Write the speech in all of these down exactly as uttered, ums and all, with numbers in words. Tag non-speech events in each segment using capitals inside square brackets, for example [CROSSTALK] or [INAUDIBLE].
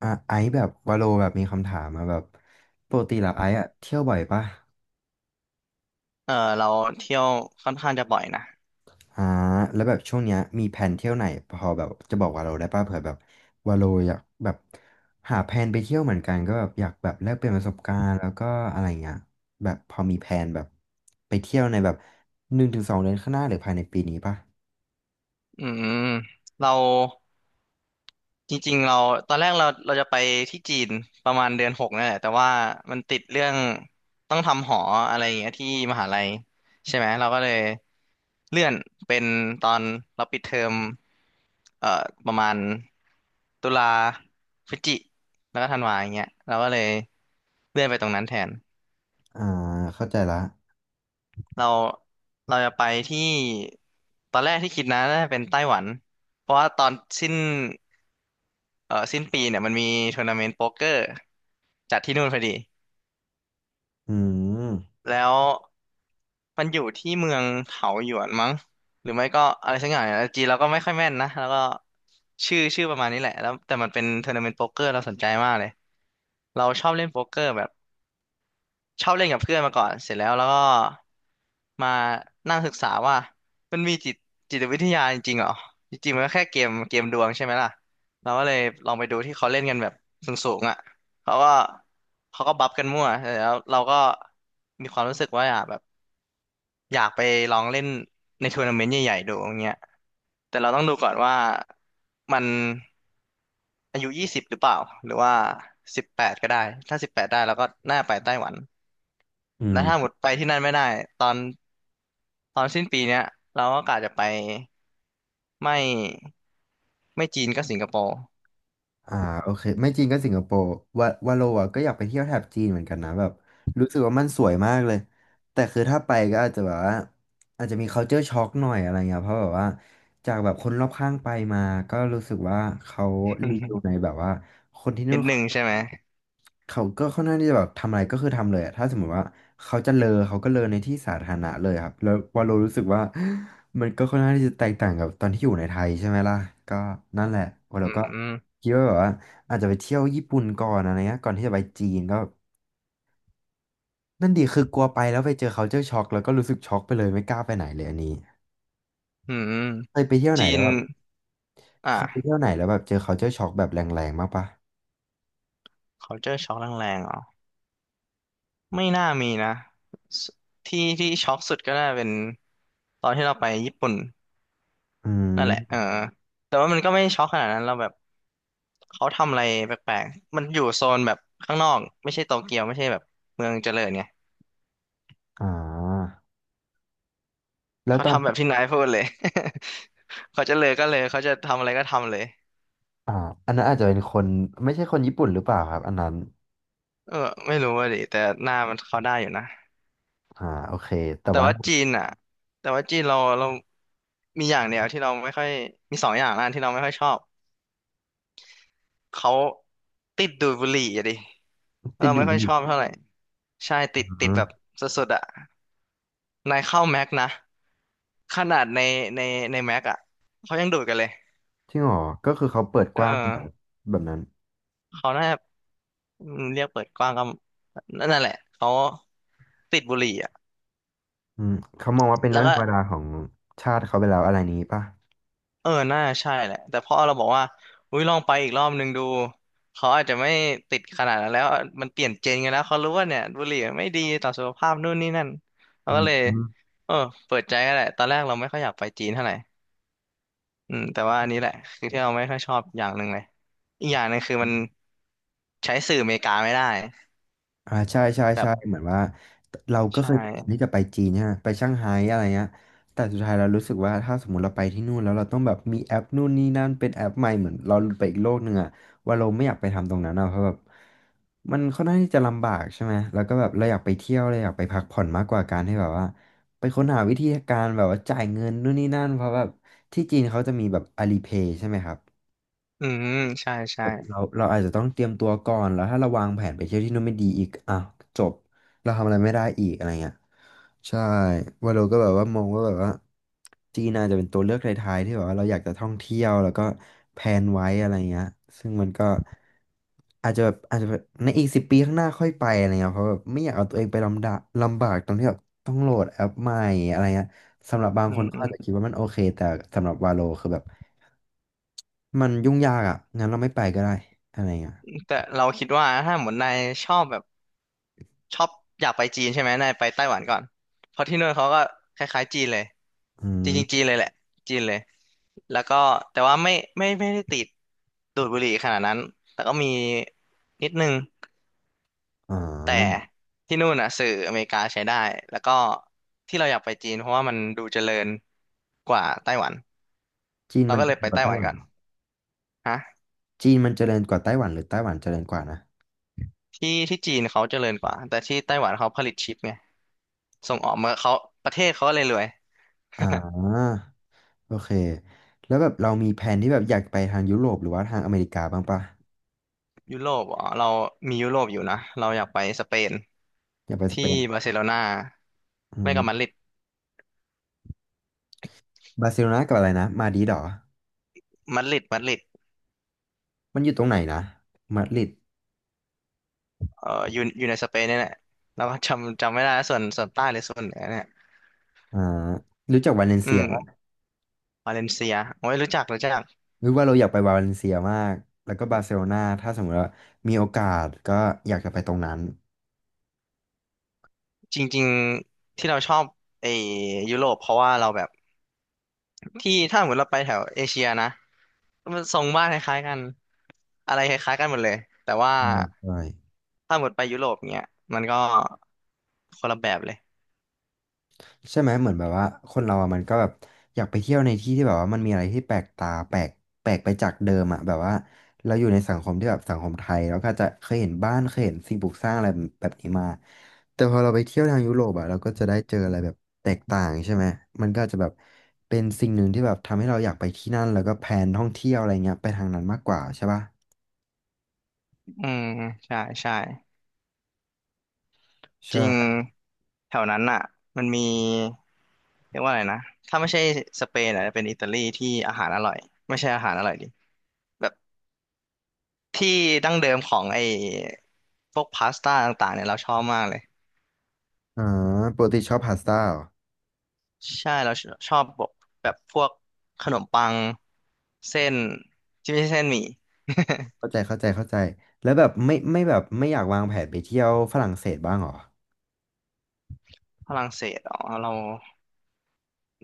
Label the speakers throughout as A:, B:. A: อ่ะไอซ์แบบวาโลแบบมีคำถามมาแบบปกติแล้วไอซ์อะเที่ยวบ่อยปะ
B: เออเราเที่ยวค่อนข้างจะบ่อยนะ
A: อ่าแล้วแบบช่วงเนี้ยมีแผนเที่ยวไหนพอแบบจะบอกวาโลได้ปะเผื่อแบบวาโลอยากแบบหาแผนไปเที่ยวเหมือนกันก็แบบอยากแบบแลกเปลี่ยนประสบการณ์แล้วก็อะไรเงี้ยแบบพอมีแผนแบบไปเที่ยวในแบบหนึ่งถึงสองเดือนข้างหน้าหรือภายในปีนี้ปะ
B: อืมเราจริงๆเราตอนแรกเราเราจะไปที่จีนประมาณเดือนหกนี่นแหละแต่ว่ามันติดเรื่องต้องทำหออะไรอย่างเงี้ยที่มหาลัยใช่ไหมเราก็เลยเลื่อนเป็นตอนเราปิดเทอมเอ่อประมาณตุลาพฤศจิแล้วก็ธันวาอย่างเงี้ยเราก็เลยเลื่อนไปตรงนั้นแทน
A: อ่าเข้าใจละ
B: เราเราจะไปที่ตอนแรกที่คิดนะน่าจะเป็นไต้หวันเพราะว่าตอนสิ้นเอ่อสิ้นปีเนี่ยมันมีทัวร์นาเมนต์โป๊กเกอร์จัดที่นู่นพอดี
A: อืม
B: แล้วมันอยู่ที่เมืองเถาหยวนมั้งหรือไม่ก็อะไรสักอย่างเนี่ยจีนเราก็ไม่ค่อยแม่นนะแล้วก็ชื่อชื่อประมาณนี้แหละแล้วแต่มันเป็นทัวร์นาเมนต์โป๊กเกอร์เราสนใจมากเลยเราชอบเล่นโป๊กเกอร์แบบ ชอบเล่นกับเพื่อนมาก่อนเสร็จแล้วแล้วก็มานั่งศึกษาว่ามันมีจิตจิตวิทยาจริงๆเหรอจริงๆมันก็แค่เกมเกมดวงใช่ไหมล่ะเราก็เลยลองไปดูที่เขาเล่นกันแบบสูงๆอ่ะเขาก็เขาก็บัฟกันมั่วเสร็จแล้วเราก็มีความรู้สึกว่าอยากแบบอยากไปลองเล่นในทัวร์นาเมนต์ใหญ่ๆดูอย่างเงี้ยแต่เราต้องดูก่อนว่ามันอายุยี่สิบหรือเปล่าหรือว่าสิบแปดก็ได้ถ้าสิบแปดได้เราก็น่าไปไต้หวัน
A: อื
B: แล้
A: ม
B: วถ้าหมดไปที่นั่นไม่ได้ตอนตอนสิ้นปีเนี้ยเราก็กะจะไปไม่ไม่จีนก็สิงคโปร์
A: อ่าโอเคไม่จีนก็สิงคโปร์วาวาโลอะก็อยากไปเที่ยวแถบจีนเหมือนกันนะแบบรู้สึกว่ามันสวยมากเลยแต่คือถ้าไปก็อาจจะแบบว่าอาจจะมี culture shock หน่อยอะไรเงี้ยเพราะแบบว่าจากแบบคนรอบข้างไปมาก็รู้สึกว่าเขารีวิวในแบบว่าคนที่
B: [LAUGHS]
A: นู่
B: นิ
A: น
B: ดห
A: เขา
B: นึ่งใช่ไหม
A: เขาก็ค่อนข้างที่จะแบบทำอะไรก็คือทำเลยอะถ้าสมมติว่าเขาจะเลอเขาก็เลอในที่สาธารณะเลยครับแล้ววาโลรู้สึกว่า [GASPS] มันก็ค่อนข้างที่จะแตกต่างกับตอนที่อยู่ในไทยใช่ไหมล่ะก็นั่นแหละวาโล
B: อืม
A: ก็
B: อื
A: คิดว่าแบบว่าอาจจะไปเที่ยวญี่ปุ่นก่อนอะไรเงี้ยก่อนที่จะไปจีนก็นั่นดีคือกลัวไปแล้วไปเจอเขาเจอช็อกแล้วก็รู้สึกช็อกไปเลยไม่กล้าไปไหนเลยอันนี้
B: มอืม
A: เคยไปเที่ยวไหน
B: จี
A: แล้
B: น
A: วแบบเคยไป
B: อ่ะ
A: เที่ยวไหนแล้วแบบเจอเขาเจอช็อกแบบแรงๆมากปะ
B: culture shock แรงๆเหรอไม่น่ามีนะสที่ที่ช็อกสุดก็น่าเป็นตอนที่เราไปญี่ปุ่น
A: อื
B: นั่นแหละเอ
A: ม
B: อแต่ว่ามันก็ไม่ช็อกขนาดนั้นเราแบบเขาทำอะไรแปลกๆมันอยู่โซนแบบข้างนอกไม่ใช่โตเกียวไม่ใช่แบบเมืองเจริญไง
A: อ่าแล้ว
B: เขา
A: ตอน
B: ทำแบบที่นายพูดเลย [LAUGHS] เขาจะเลยก็เลยเขาจะทำอะไรก็ทำเลย
A: อ่าอันนั้นอาจจะเป็นคนไม่ใช่คนญี่ปุ่นหรือเปล่าครับอันนั้น
B: เออไม่รู้ว่าดิแต่หน้ามันเขาได้อยู่นะ
A: อ่าโอเคแต่
B: แต่
A: ว่า
B: ว่าจีนอ่ะแต่ว่าจีนเราเรามีอย่างเดียวที่เราไม่ค่อยมีสองอย่างนะที่เราไม่ค่อยชอบเขาติดดูดบุหรี่อะดิ
A: ติด
B: เรา
A: ด
B: ไม่
A: ด
B: ค่อ
A: บุู่
B: ย
A: ใ
B: ชอบ
A: น
B: เท่าไหร่ใช่ติดติ
A: อ๋
B: ด
A: อ
B: แบบสุดๆอ่ะนายเข้าแม็กนะขนาดในในในแม็กอ่ะเขายังดูดกันเลย
A: จริงเหรอก็คือเขาเปิด
B: เอ
A: กว้างแบบ
B: อ
A: แบบนั้น
B: เขาน่าจะอืมเรียกเปิดกว้างก็นั่นแหละเขาติดบุหรี่อ่ะ
A: อืมเขามองว่าเป็น
B: แล้
A: เรื่
B: ว
A: อง
B: ก็
A: ธรรมดาของชาติเขาไปแล้วอะไรนี้ป่ะ
B: เออน่าใช่แหละแต่พอเราบอกว่าอุ้ยลองไปอีกรอบนึงดูเขาอาจจะไม่ติดขนาดนั้นแล้วมันเปลี่ยนเจนกันแล้วเขารู้ว่าเนี่ยบุหรี่ไม่ดีต่อสุขภาพนู่นนี่นั่นเรา
A: อื
B: ก็เลย
A: ม
B: เออเปิดใจก็แหละตอนแรกเราไม่ค่อยอยากไปจีนเท่าไหร่อืมแต่ว่าอันนี้แหละคือที่เราไม่ค่อยชอบอย่างหนึ่งเลยอีกอย่างหนึ่งคือมันใช้สื่ออเมริกาไม่ได้
A: อ่าใช่ใช่ใช่
B: แบบ
A: เหมือนว่าเราก็
B: ใช่
A: เคยแพลนที่จะไปจีนเนี่ยไปช่างไฮ้อะไรเงี้ยแต่สุดท้ายเรารู้สึกว่าถ้าสมมติเราไปที่นู่นแล้วเราต้องแบบมีแอปนู่นนี่นั่นเป็นแอปใหม่เหมือนเราไปอีกโลกหนึ่งอะว่าเราไม่อยากไปทำตรงนั้นอะเพราะแบบมันค่อนข้างที่จะลำบากใช่ไหมแล้วก็แบบเราอยากไปเที่ยวเราอยากไปพักผ่อนมากกว่าการที่แบบว่าไปค้นหาวิธีการแบบว่าจ่ายเงินนู่นนี่นั่นเพราะแบบที่จีนเขาจะมีแบบอาลีเพย์ใช่ไหมครับ
B: อืมใช่
A: แบ
B: ใช่
A: บเราเราอาจจะต้องเตรียมตัวก่อนแล้วถ้าเราวางแผนไปเที่ยวที่นู่นไม่ดีอีกอ่ะจบเราทำอะไรไม่ได้อีกอะไรเงี้ยใช่วาโลก็แบบว่ามองว่าแบบว่าจีนอาจจะเป็นตัวเลือกท้ายๆที่แบบว่าเราอยากจะท่องเที่ยวแล้วก็แพลนไว้อะไรเงี้ยซึ่งมันก็อาจจะแบบอาจจะแบบในอีกสิบปีข้างหน้าค่อยไปอะไรเงี้ยเพราะแบบไม่อยากเอาตัวเองไปลำดะลำบากตรงที่แบบต้องโหลดแอปใหม่อะไรเงี้ยสำหรับบาง
B: อื
A: ค
B: ม
A: นเขา
B: อื
A: อา
B: ม
A: จจะคิดว่ามันโอเคแต่สำหรับวาโลคือแบบมันยุ่งยากอ่ะงั้นเราไม่ไปก็ได้อะไรเงี้ย
B: แต่เราคิดว่าถ้าเหมือนนายชอบแบบ ชอบอยากไปจีนใช่ไหมนายไปไต้หวันก่อนเพราะที่นู่นเขาก็คล้ายๆจีนเลย
A: อื
B: จ
A: ม
B: ริงๆจีนเลยแหละจีนเลยแล้วก็แต่ว่าไม่ไม่ไม่ได้ติดดูดบุหรี่ขนาดนั้นแต่ก็มีนิดนึง
A: อ่
B: แต่
A: า
B: ที่นู่นน่ะสื่ออเมริกาใช้ได้แล้วก็ที่เราอยากไปจีนเพราะว่ามันดูเจริญกว่าไต้หวัน
A: จีน
B: เรา
A: มัน
B: ก็
A: เจ
B: เลย
A: ริ
B: ไป
A: ญกว่า
B: ไต้ห
A: ไต้
B: วั
A: ห
B: น
A: วัน
B: ก่อ
A: เห
B: น
A: รอ
B: ฮะ
A: จีนมันเจริญกว่าไต้หวันหรือไต้หวันเจริญกว่านะ
B: ที่ที่จีนเขาเจริญกว่าแต่ที่ไต้หวันเขาผลิตชิปไงส่งออกมาเขาประเทศเขาก็เลยรวย
A: อ่าโอเค แล้วแบบเรามีแผนที่แบบอยากไปทางยุโรปหรือว่าทางอเมริกาบ้างปะ
B: ยุโรปอ๋อเรามียุโรปอยู่นะเราอยากไปสเปน
A: อยากไปสเป
B: ที่
A: น
B: บาร์เซโลนา
A: อื
B: ไม่ก็มาดริ
A: ม
B: ด
A: บาร์เซโลนากับอะไรนะมาดริดเหรอ
B: มาดริดมาดริด
A: มันอยู่ตรงไหนนะมาดริด
B: เอ่ออยู่อยู่ในสเปนเนี่ยแหละเราก็จำจำไม่ได้ส่วนส่วนใต้หรือส่วนเหนือเนี่ย
A: อ่ารู้จักวาเลน
B: อื
A: เซีย
B: ม
A: ปะ
B: วาเลนเซียโอ้ยรู้จักรู้จัก
A: หรู้ว่าเราอยากไปวาเลนเซียมากแล้วก็บาร์เซโลนาถ้าสมมติว่ามีโอกาสก็อยากจะไปตรงนั้น
B: จริงๆที่เราชอบไอ้ยุโรปเพราะว่าเราแบบที่ถ้าเหมือนเราไปแถวเอเชียนะมันทรงบ้านคล้ายๆกันอะไรคล้ายๆกันหมดเลยแต่ว่า
A: ใช่ใช่
B: ถ้าหมดไปยุโรปเนี้ยมันก็คนละแบบเลย
A: ใช่ไหมเหมือนแบบว่าคนเราอะมันก็แบบอยากไปเที่ยวในที่ที่แบบว่ามันมีอะไรที่แปลกตาแปลกแปลกไปจากเดิมอะแบบว่าเราอยู่ในสังคมที่แบบสังคมไทยแล้วก็จะเคยเห็นบ้านเคยเห็นสิ่งปลูกสร้างอะไรแบบนี้มาแต่พอเราไปเที่ยวทางยุโรปอะเราก็จะได้เจออะไรแบบแตกต่างใช่ไหมมันก็จะแบบเป็นสิ่งหนึ่งที่แบบทำให้เราอยากไปที่นั่นแล้วก็แพลนท่องเที่ยวอะไรเงี้ยไปทางนั้นมากกว่าใช่ปะ
B: อืมใช่ใช่จริง
A: ใช่
B: แถวนั้นอ่ะมันมีเรียกว่าอะไรนะถ้าไม่ใช่สเปนอ่ะจะเป็นอิตาลีที่อาหารอร่อยไม่ใช่อาหารอร่อยดิแบบที่ดั้งเดิมของไอ้พวกพาสต้าต่างๆเนี่ยเราชอบมากเลย
A: อ่าปกติชอบพาสต้าเหรอ
B: ใช่เราชชอบแบบแบบพวกขนมปังเส้นที่ไม่ใช่เส้นหมี่
A: เข้าใจเข้าใจเข้าใจแล้วแบบไม่ไม่แบบไม่อยากวางแผนไปเที่ยวฝรั่งเศสบ้างเหรอ
B: [LAUGHS] ฝรั่งเศสอ๋อเรา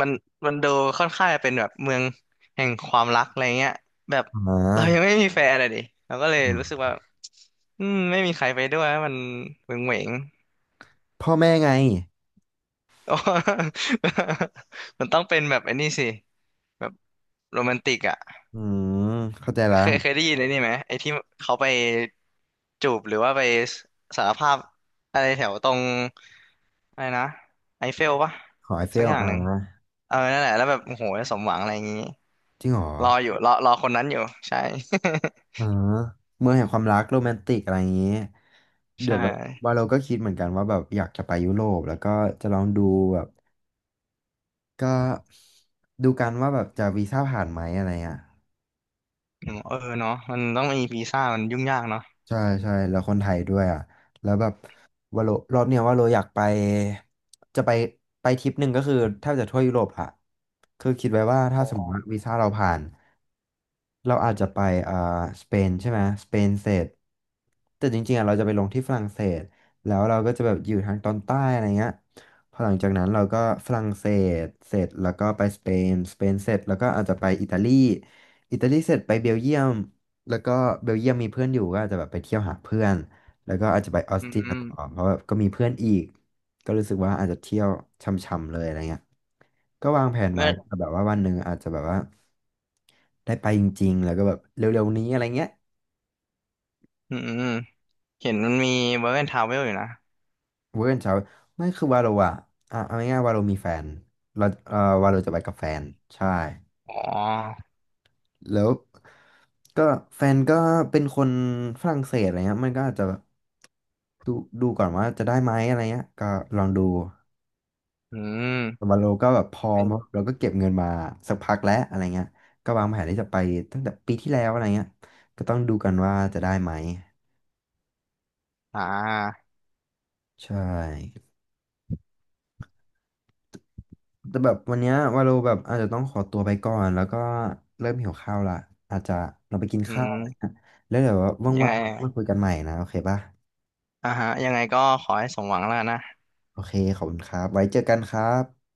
B: มันมันดูค่อนข้างจะเป็นแบบเมืองแห่งความรักอะไรเงี้ยแบบ
A: อ่
B: เรายังไม่
A: า
B: มีแฟนเลยดิเราก็เลย
A: อื
B: รู้สึก
A: ม
B: ว่าอืมไม่มีใครไปด้วยมันเหวงเหวง [LAUGHS]
A: พ่อแม่ไง
B: ๆอ๋อ [LAUGHS] มันต้องเป็นแบบไอ้นี่สิแบบโรแมนติกอ่ะ
A: อืมเข้าใจละ
B: เคยเคยได้ยินไอ้นี่ไหมไอ้ที่เขาไปจูบหรือว่าไปสารภาพอะไรแถวตรงอะไรนะไอเฟลปะ
A: หอไอเฟ
B: สัก
A: ล
B: อย่างห
A: อ่า
B: นึ่งเออนั่นแหละแล้วแบบโอ้โหสมหวังอะไรอย่างงี้
A: จริงเหรอ
B: รออยู่รอรอคนนั้นอยู่ใช่ [LAUGHS]
A: อ่าเมืองแห่งความรักโรแมนติกอะไรอย่างนี้เดี๋ย
B: ใช่
A: วแบบว่าเราก็คิดเหมือนกันว่าแบบอยากจะไปยุโรปแล้วก็จะลองดูแบบก็ดูกันว่าแบบจะวีซ่าผ่านไหมอะไรอ่ะ
B: อืมเออเนาะมันต้องมีวีซ่ามันยุ่งยากเนาะ
A: ใช่ใช่แล้วคนไทยด้วยอ่ะแล้วแบบว่าโลรอบเนี้ยว่าโลอยากไปจะไปไปทริปหนึ่งก็คือแทบจะทั่วยุโรปละคือคิดไว้ว่าถ้า
B: อ๋อ
A: สมมติว่าวีซ่าเราผ่าน เราอาจจะไปอ่าสเปนใช่ไหมสเปนเสร็จแต่จริงๆอ่ะเราจะไปลงที่ฝรั่งเศสแล้วเราก็จะแบบอยู่ทางตอนใต้อะไรเงี้ยพอหลังจากนั้นเราก็ฝรั่งเศสเสร็จแล้วก็ไปสเปนสเปนเสร็จแล้วก็อาจจะไปอิตาลีอิตาลีเสร็จไปเบลเยียมแล้วก็เบลเยียมมีเพื่อนอยู่ก็อาจจะแบบไปเที่ยวหาเพื่อน แล้วก็อาจจะไปออส
B: อื
A: เตรียต่อ
B: ม
A: เพราะแบบก็มีเพื่อนอีกก็รู้สึกว่าอาจจะเที่ยวช่ำๆเลยอะไรเงี้ยก็วางแผน
B: เอ
A: ไว้
B: อ
A: แต่แบบว่าวันหนึ่งอาจจะแบบว่าได้ไปจริงๆแล้วก็แบบเร็วๆนี้อะไรเงี้ย
B: อืมอืมเห็นมันมีเวิร์กแอนด์ทราเวลอยู่นะ
A: เวอร์กแอนด์เช้าไม่คือวาโรอะอ่ะเอาง่ายๆวาโรมีแฟนเราเอ่อวาโรจะไปกับแฟนใช่
B: อ๋อ
A: แล้วก็แฟนก็เป็นคนฝรั่งเศสอะไรเงี้ยมันก็อาจจะแบบดูดูก่อนว่าจะได้ไหมอะไรเงี้ยก็ลองดู
B: อืม
A: วาโลก็แบบพอมาเราก็เก็บเงินมาสักพักแล้วอะไรเงี้ยก็วางแผนที่จะไปตั้งแต่ปีที่แล้วอะไรเงี้ยก็ต้องดูกันว่าจะได้ไหม
B: อ่า
A: ใช่แต่แบบวันเนี้ยวาโลแบบอาจจะต้องขอตัวไปก่อนแล้วก็เริ่มหิวข้าวละอาจจะเราไปกิน
B: อื
A: ข้าวอะ
B: ม
A: ไรนะแล้วเดี๋ยว
B: ยังไง
A: ว่างๆเรา
B: อ่ะ
A: มาคุยกันใหม่นะโอเคป่ะ
B: อ่าฮะยังไงก็ขอให้สมหวังแล้วกันนะ
A: โอเคขอบคุณครับไว้เจอกันครับ